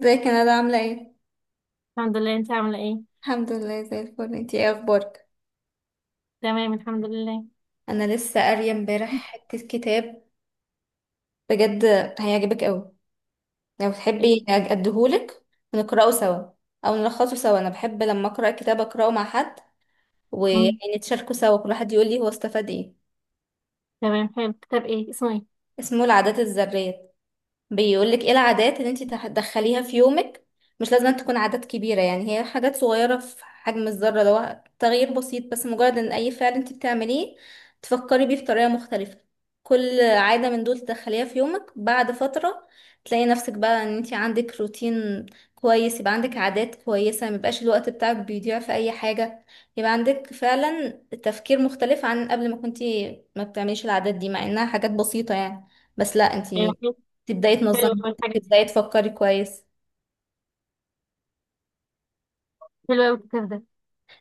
ازيك يا ندى عاملة ايه؟ الحمد لله. انت عاملة ايه؟ الحمد لله زي الفل، انتي ايه اخبارك؟ تمام الحمد لله. انا لسه قارية امبارح حتة كتاب. بجد، هيعجبك اوي. لو ايه؟ تحبي اديهولك ونقرأه سوا او نلخصه سوا. انا بحب لما اقرأ كتاب اقرأه مع حد مم. ونتشاركه سوا، كل واحد يقول لي هو استفاد ايه. تمام، حلو، كتاب ايه اسمه ايه؟ اسمه العادات الذرية. بيقولك ايه العادات اللي انتي تدخليها في يومك. مش لازم أن تكون عادات كبيرة، يعني هي حاجات صغيرة في حجم الذرة، اللي هو تغيير بسيط، بس مجرد ان اي فعل انتي بتعمليه تفكري بيه بطريقة مختلفة. كل عادة من دول تدخليها في يومك، بعد فترة تلاقي نفسك بقى ان انتي عندك روتين كويس. يبقى عندك عادات كويسة، ميبقاش الوقت بتاعك بيضيع في اي حاجة. يبقى عندك فعلا تفكير مختلف عن قبل ما كنتي ما بتعمليش العادات دي، مع انها حاجات بسيطة يعني. بس لا، ايوه انتي حلو. تبداي حلو تنظمي، أوي الحاجة دي. تبداي تفكري كويس. حلو أوي الكتاب ده.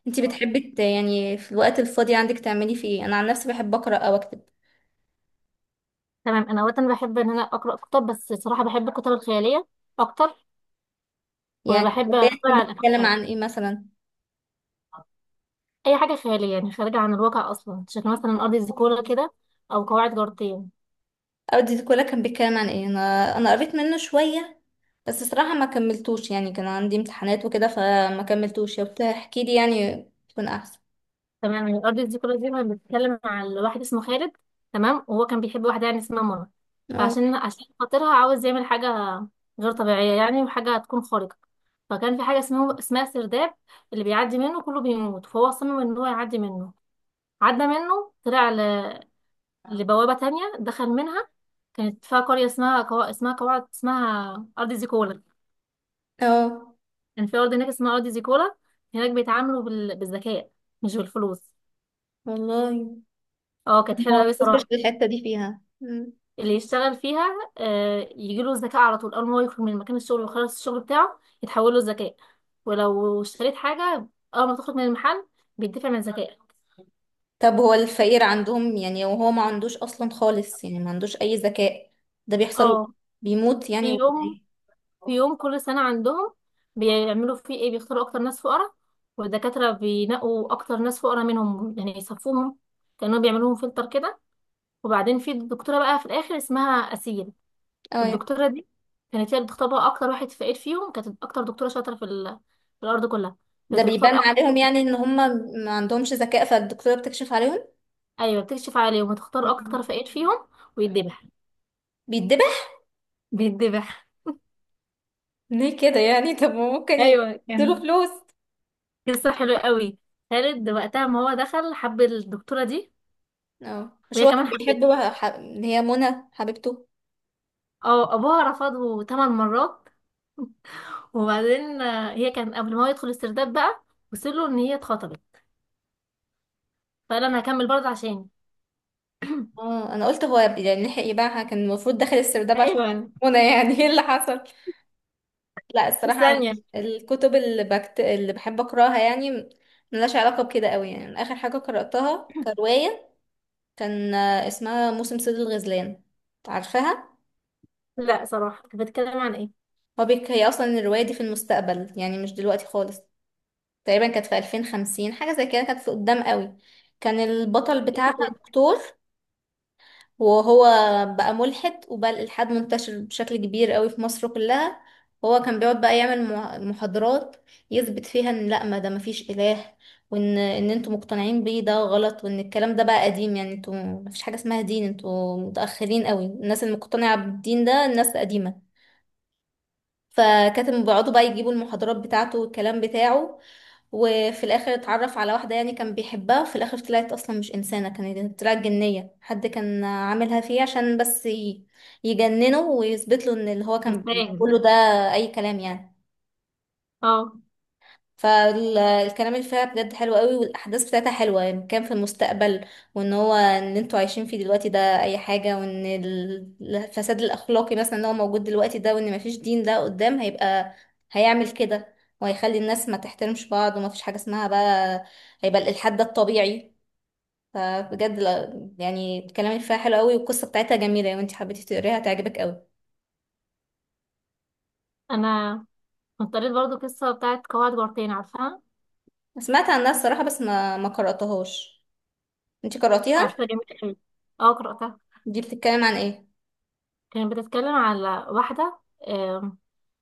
انتي بتحبي يعني في الوقت الفاضي عندك تعملي فيه ايه؟ انا عن نفسي بحب اقرا او اكتب. تمام، انا وقتا بحب ان انا اقرا كتب، بس صراحة بحب الكتب الخيالية اكتر. يعني وبحب البداية تكون اقرا بتتكلم عن عن ايه مثلا؟ اي حاجة خيالية، يعني خارجة عن الواقع اصلا، شكل مثلا ارض زيكولا كده، او قواعد جارتين. او دي كلها كان بيتكلم عن ايه؟ انا قريت منه شويه، بس صراحه ما كملتوش، يعني كان عندي امتحانات وكده فما كملتوش. لو تحكي لي يعني تكون احسن. تمام، يعني الارض دي كلها دي كانت بتتكلم على واحد اسمه خالد. تمام، وهو كان بيحب واحده يعني اسمها منى. اه، فعشان خاطرها عاوز يعمل حاجه غير طبيعيه، يعني وحاجه هتكون خارقه. فكان في حاجه اسمها سرداب، اللي بيعدي منه كله بيموت. فهو صمم ان هو يعدي منه. عدى منه طلع لبوابه تانية، دخل منها. كانت فيها قريه اسمها كو... اسمها قواعد اسمها ارض زيكولا. اه، كان في ارض هناك اسمها ارض زيكولا. هناك بيتعاملوا بالذكاء مش بالفلوس. والله اه كانت ما حلوه قوي وصلتش صراحه. للحته دي فيها. اللي يشتغل فيها يجيله الذكاء على طول. اول ما هو يخرج من مكان الشغل ويخلص الشغل بتاعه يتحول له الذكاء. ولو اشتريت حاجة، اول ما تخرج من المحل بيدفع من الذكاء. طب هو الفقير عندهم يعني وهو ما عندوش اصلا خالص، يعني ما عندوش اي ذكاء، ده بيحصل؟ اه. بيموت يعني في ولا يوم ايه؟ في يوم كل سنة عندهم بيعملوا فيه ايه؟ بيختاروا اكتر ناس فقراء، والدكاترة بينقوا اكتر ناس فقراء منهم، يعني يصفوهم كأنهم بيعملوهم فلتر كده. وبعدين في دكتورة بقى في الاخر اسمها أسيل. اه، الدكتوره دي كانت هي اللي بتختار بقى اكتر واحد فقير فيهم. كانت اكتر دكتوره شاطره في الارض كلها. ده بيبان بتختار اكتر. عليهم يعني ان هم ما عندهمش ذكاء فالدكتورة بتكشف عليهم؟ ايوه بتكشف عليهم وتختار مم. اكتر فقير فيهم. ويتذبح. بيتذبح؟ بيتذبح. ليه كده يعني؟ طب ما ممكن ايوه يديله كان فلوس. قصه حلوه قوي. خالد وقتها ما هو دخل حب الدكتوره دي. اه، مش وهي هو كمان كان حبتها. بيحب بقى اللي هي منى حبيبته؟ اه ابوها رفضه ثمان مرات. وبعدين هي كان قبل ما هو يدخل السرداب بقى وصل له ان هي اتخطبت. فقال انا هكمل برضه عشاني. اه، انا قلت هو يعني لحق يبيعها، كان المفروض داخل السرداب عشان خاطر ايوه. منى يعني. ايه اللي حصل؟ لا، الصراحة الثانيه. الكتب اللي بحب أقرأها يعني ملهاش علاقة بكده قوي. يعني آخر حاجة قرأتها كرواية كان اسمها موسم صيد الغزلان. عارفاها؟ لا صراحه كنت بتكلم عن هي أصلا الرواية دي في المستقبل، يعني مش دلوقتي خالص. تقريبا كانت في 2050، حاجة زي كده، كانت في قدام قوي. كان البطل ايه. بتاعها دكتور، وهو بقى ملحد وبقى الإلحاد منتشر بشكل كبير قوي في مصر كلها. هو كان بيقعد بقى يعمل محاضرات يثبت فيها ان لا، ما ده مفيش إله، وان ان انتوا مقتنعين بيه ده غلط، وان الكلام ده بقى قديم. يعني انتوا مفيش حاجة اسمها دين، انتوا متأخرين قوي، الناس المقتنعة بالدين ده الناس قديمة. فكانت بيقعدوا بقى يجيبوا المحاضرات بتاعته والكلام بتاعه. وفي الاخر اتعرف على واحده يعني كان بيحبها، في الاخر طلعت اصلا مش انسانه، كانت طلعت جنيه، حد كان عاملها فيه عشان بس يجننه ويثبت له ان اللي هو كان يستاهل. بيقوله ده اي كلام يعني. اه. فالكلام اللي فيها بجد حلو قوي، والاحداث بتاعتها حلوه. يعني كان في المستقبل، وان هو ان انتوا عايشين فيه دلوقتي ده اي حاجه، وان الفساد الاخلاقي مثلا اللي هو موجود دلوقتي ده، وان مفيش دين، ده قدام هيبقى هيعمل كده، وهيخلي الناس ما تحترمش بعض، ومفيش حاجه اسمها بقى، هيبقى الالحاد ده الطبيعي. فبجد يعني الكلام اللي فيها حلو قوي، والقصه بتاعتها جميله. لو انت حبيتي تقريها هتعجبك قوي. انا كنت قريت برضو قصه بتاعت قواعد جارتين، عارفاها؟ سمعت عنها الصراحه، بس ما قراتهاش. انت قراتيها؟ عارفاها جميله قوي. اه قراتها. دي بتتكلم عن ايه؟ كانت بتتكلم على واحده، آم،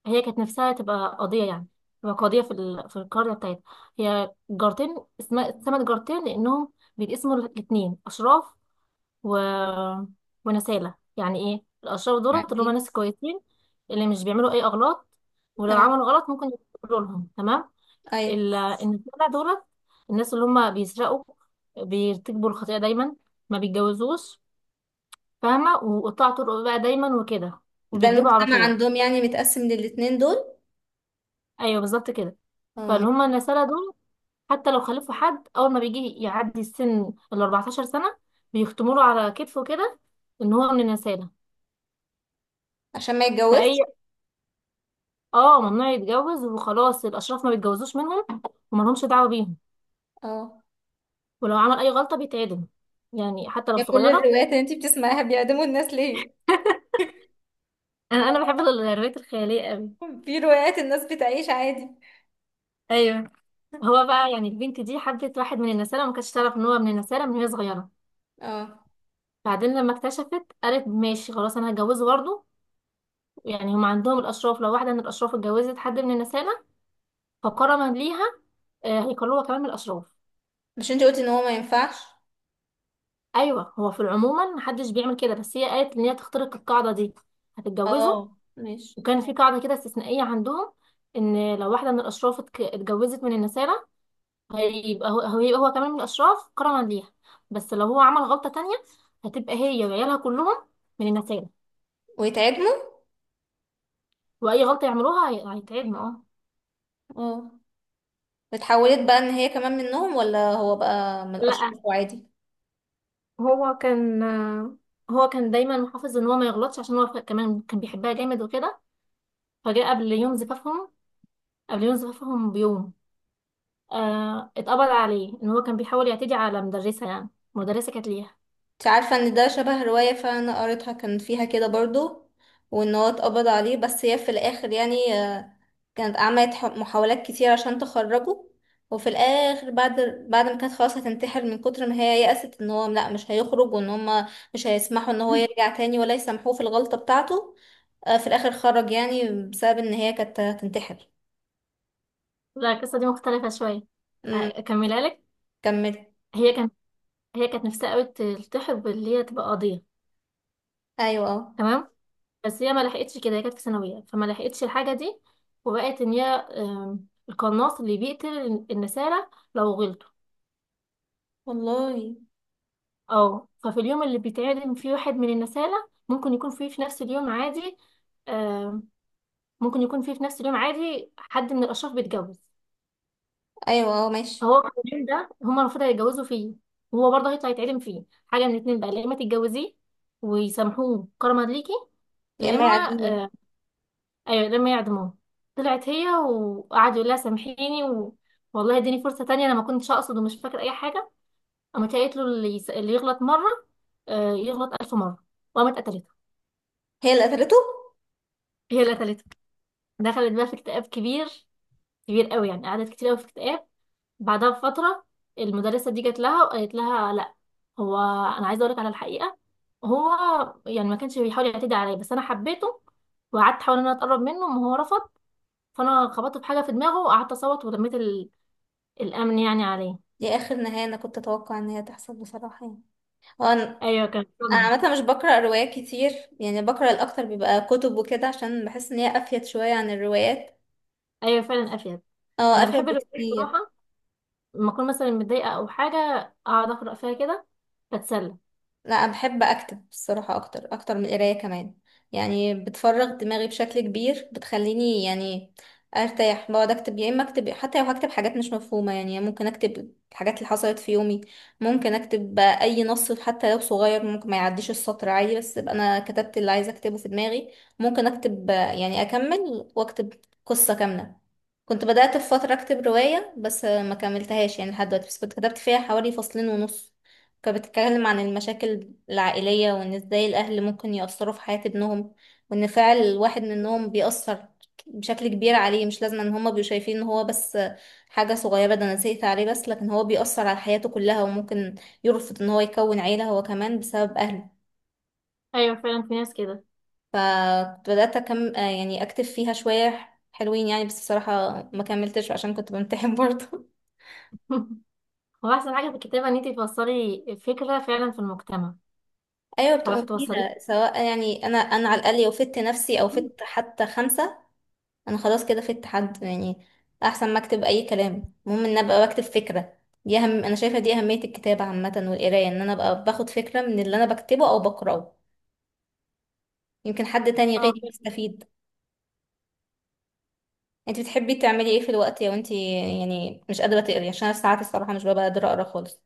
هي كانت نفسها تبقى قاضيه يعني، تبقى قاضيه في القريه بتاعتها. هي جارتين اسمها اتسمت جارتين لانهم بيتقسموا الاثنين اشراف و... ونسالة. يعني ايه الاشراف؟ دولت عن اللي هم ناس كويسين، اللي مش بيعملوا اي اغلاط، ولو ايه؟ عملوا غلط ممكن يقولوا لهم تمام. ايوه، إن الجدع دولت. الناس اللي هم بيسرقوا، بيرتكبوا الخطيئة دايما، ما بيتجوزوش، فاهمة، وقطاع طرق بقى دايما وكده، ده وبيكذبوا على المجتمع طول. عندهم يعني متقسم للاتنين دول؟ أيوه بالظبط كده. اه، فاللي هم ماشي. النسالة دول، حتى لو خلفوا حد أول ما بيجي يعدي السن ال 14 سنة بيختموا له على كتفه كده إن هو من النسالة. عشان ما فأي، يتجوزش؟ اه ممنوع يتجوز وخلاص. الأشراف ما بيتجوزوش منهم ومالهمش دعوة بيهم. اه. ولو عمل أي غلطة بيتعدم، يعني حتى لو يا كل صغيرة. الروايات اللي انتي بتسمعيها بيعدموا الناس ليه؟ انا بحب الروايات الخياليه قوي. في روايات الناس بتعيش عادي. ايوه. هو بقى يعني البنت دي حبت واحد من النسالة، ما كانتش تعرف ان هو من النسالة من وهي صغيره. اه، بعدين لما اكتشفت قالت ماشي خلاص انا هتجوزه برضه. يعني هم عندهم الاشراف لو واحده من الاشراف اتجوزت حد من النسالة فكرما ليها هيكلوها كمان من الاشراف. مش انتي قلتي ان هو ما ينفعش؟ ايوه هو في العموما محدش بيعمل كده بس هي قالت ان هي تخترق القاعده دي، هتتجوزه. اه، ماشي. وكان في قاعده كده استثنائيه عندهم ان لو واحده من الاشراف اتجوزت من النسالة هيبقى هيبقى هو كمان من الأشراف كرما ليها. بس لو هو عمل غلطة تانية هتبقى هي وعيالها كلهم من النتائج. ويتعدموا؟ وأي غلطة يعملوها هيتعبنا. اه. اه، اتحولت بقى ان هي كمان منهم، ولا هو بقى من لا، الاشخاص وعادي؟ هو كان هو كان دايما محافظ ان هو ما يغلطش عشان هو كمان كان بيحبها جامد وكده. فجاء قبل يوم زفافهم، قبل يوم زفافهم بيوم آه اتقبض عليه ان هو كان بيحاول يعتدي على مدرسة، يعني مدرسة كانت ليها. انت عارفة ان ده شبه رواية فعلا انا قريتها، كان فيها كده برضو. وان هو اتقبض عليه، بس هي في الاخر يعني. كانت عملت محاولات كتير عشان تخرجه، وفي الاخر بعد ما كانت خلاص هتنتحر من كتر ما هي يأست ان هو لا مش هيخرج، وان هما مش هيسمحوا ان هو يرجع تاني ولا يسامحوه في الغلطة بتاعته. في الاخر خرج يعني بسبب ان هي كانت هتنتحر. لا القصة دي مختلفة شوية. امم. أكملها لك. كملي. هي كانت هي كانت نفسها قوي تلتحق باللي هي تبقى قاضية. ايوه، اه، تمام بس هي ما لحقتش كده. هي كانت في ثانويه فما لحقتش الحاجه دي. وبقت ان هي القناص اللي بيقتل النسالة لو غلطوا. والله، اه. ففي اليوم اللي بيتعدم فيه واحد من النسالة ممكن يكون فيه في نفس اليوم عادي، آم، ممكن يكون فيه في نفس اليوم عادي حد من الأشراف بيتجوز. ايوه، اه، ماشي. فهو في اليوم ده هما المفروض هيتجوزوا فيه، وهو برضه هيطلع يتعدم فيه. حاجة من الاتنين بقى، يا إما تتجوزيه ويسامحوه كرما ليكي، يا لا اما يعدموه. إما، ايوه لما يعدموه. طلعت هي وقعدوا يقول لها سامحيني والله اديني فرصه تانية، انا ما كنتش اقصد ومش فاكر اي حاجه. قامت هي قالت له اللي يغلط مره آه يغلط الف مره. وقامت قتلته. هي اللي قتلته. هي اللي قتلته. دخلت بقى في اكتئاب كبير، كبير قوي يعني، قعدت كتير قوي في اكتئاب. بعدها بفتره المدرسه دي جت لها وقالت لها لا، هو انا عايزه اقولك على الحقيقه. هو يعني ما كانش بيحاول يعتدي عليا، بس انا حبيته وقعدت احاول ان انا اتقرب منه وهو رفض. فانا خبطت في حاجه في دماغه وقعدت اصوت ولميت الأمن يعني عليه. دي اخر نهاية انا كنت اتوقع ان هي تحصل بصراحة يعني. هو انا أيوة كان أنا صدمة. عامة مش بقرأ روايات كتير، يعني بقرأ الاكتر بيبقى كتب وكده عشان بحس ان هي افيد شوية عن الروايات. أيوة فعلا أفيد. اه، أنا افيد بحب الروايات بكتير. بصراحة، لما أكون مثلا متضايقة أو حاجة أقعد أقرأ فيها كده، بتسلى. لا، انا بحب اكتب الصراحه اكتر اكتر من القرايه كمان. يعني بتفرغ دماغي بشكل كبير، بتخليني يعني ارتاح. بقعد اكتب يا اما اكتب حتى لو هكتب حاجات مش مفهومه. يعني ممكن اكتب الحاجات اللي حصلت في يومي، ممكن اكتب بقى اي نص حتى لو صغير، ممكن ما يعديش السطر عادي، بس ابقى انا كتبت اللي عايزه اكتبه في دماغي. ممكن اكتب يعني اكمل واكتب قصه كامله. كنت بدأت في فترة أكتب رواية، بس ما كملتهاش يعني لحد دلوقتي، بس كنت كتبت فيها حوالي فصلين ونص. كانت بتتكلم عن المشاكل العائلية، وإن إزاي الأهل ممكن يأثروا في حياة ابنهم، وإن فعل الواحد منهم بيأثر بشكل كبير عليه. مش لازم إن هما بيبقوا شايفين إن هو بس حاجة صغيرة ده أنا زهقت عليه، بس لكن هو بيأثر على حياته كلها، وممكن يرفض إن هو يكون عيلة هو كمان بسبب أهله. أيوة فعلا في ناس كده. فكنت بدأت أكم آه يعني أكتب فيها شوية حلوين، يعني بس بصراحة ما كملتش عشان كنت بمتحن برضه. هو أحسن حاجة في الكتابة إن أنتي توصلي فكرة فعلا في المجتمع، أيوة، بتبقى تعرفي مفيدة توصليه. سواء. يعني أنا على الأقل لو فدت نفسي أو فدت حتى خمسة. انا خلاص كده في اتحاد يعني. احسن ما اكتب اي كلام، المهم ان ابقى بكتب فكره، دي اهم. انا شايفه دي اهميه الكتابه عامه والقرايه، ان انا ابقى باخد فكره من اللي انا بكتبه او بقراه، يمكن حد تاني اه غيري فعلا. يستفيد. انت بتحبي تعملي ايه في الوقت، لو انت يعني مش قادره تقري، عشان انا ساعات الصراحه مش ببقى قادره اقرا خالص.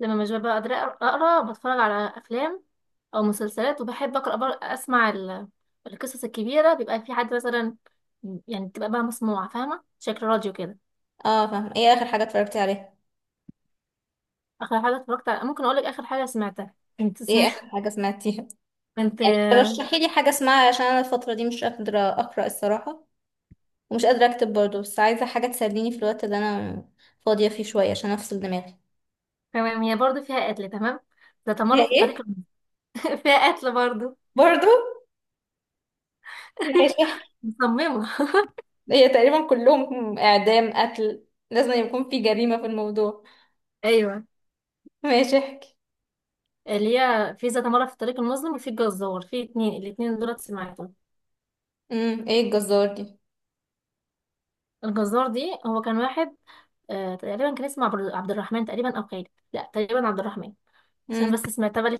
لما مش ببقى قادرة أقرأ بتفرج على أفلام أو مسلسلات، وبحب أقرأ أسمع القصص الكبيرة، بيبقى في حد مثلا، يعني بتبقى بقى مسموعة، فاهمة شكل راديو كده. اه، فاهم. ايه اخر حاجه اتفرجتي عليها؟ اخر حاجه اتفرجت على ممكن اقول لك اخر حاجه سمعتها، كنت ايه سمعت، اخر حاجه سمعتيها؟ كنت يعني رشحي لي حاجه اسمعها عشان انا الفتره دي مش قادره اقرا الصراحه، ومش قادره اكتب برضه، بس عايزه حاجه تسليني في الوقت اللي انا فاضيه فيه شويه عشان افصل دماغي. تمام هي برضه فيها قتل. تمام ده هي تمر في الطريق ايه؟ فيها قتل برضه. برضو. ماشي، احكي. مصممه. هي تقريبا كلهم اعدام قتل، لازم يكون في جريمة في الموضوع. ايوه ماشي، احكي. اللي هي في ذات مرة في الطريق المظلم وفي الجزار، في اتنين، الاتنين دولت سمعتهم. ايه الجزار دي؟ الجزار دي هو كان واحد، آه تقريبا كان اسمه عبد الرحمن تقريبا او خالد. لا تقريبا عبد الرحمن. عشان امم بس سمعتها بالي.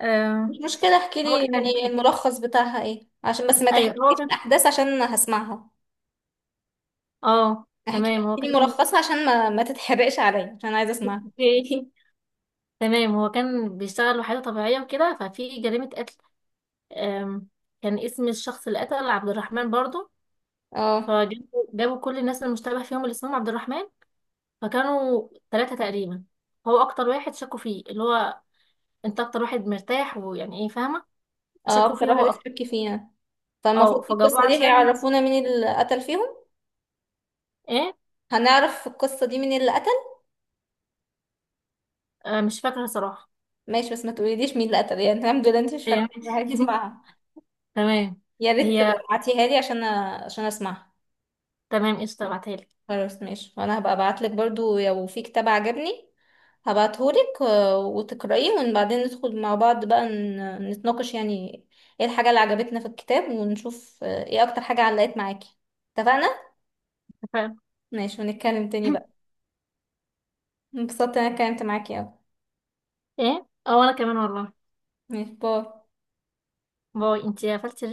آه مش مشكلة، احكي هو لي كان، يعني الملخص بتاعها ايه، عشان بس ما ايوه هو تحرقليش كان، الاحداث عشان هسمعها. اه احكي، تمام هو احكي لي كان. ملخصها عشان ما تتحرقش عليا، عشان عايزة اسمعها. اوكي. تمام هو كان بيشتغل وحيدة طبيعية وكده ففي جريمة قتل، أم، كان اسم الشخص اللي قتل عبد الرحمن برضه. اه، جابوا كل الناس المشتبه فيهم اللي اسمهم عبد الرحمن. فكانوا ثلاثة تقريبا. هو أكتر واحد شكوا فيه اللي هو أنت أكتر واحد مرتاح، ويعني إيه فاهمة. اه، فشكوا اكتر فيه هو واحد أكتر. اشتكي فيها؟ فالمفروض أه في فجابوه القصة دي عشان هيعرفونا مين اللي قتل فيهم. إيه. هنعرف في القصة دي مين اللي قتل. أه مش فاكرة صراحة. ماشي، بس ما تقوليليش مين اللي قتل يعني. الحمد لله انت مش فاكرة، يعني، عايزة اسمعها. تمام. يا ريت هي تبعتيها لي عشان اسمعها. تمام قشطة بعتهالك. خلاص، ماشي، وانا هبقى ابعتلك برضو لو في كتاب عجبني هبعتهولك. وتقرأيه، وبعدين ندخل مع بعض بقى نتناقش يعني ايه الحاجة اللي عجبتنا في الكتاب، ونشوف ايه اكتر حاجة علقت معاكي. اتفقنا؟ اتفقنا. ماشي، ونتكلم تاني بقى. انبسطت إن انا اتكلمت معاكي اوي. إيه. أه وأنا كمان والله. ماشي، باي. باي أنتي قفلتي.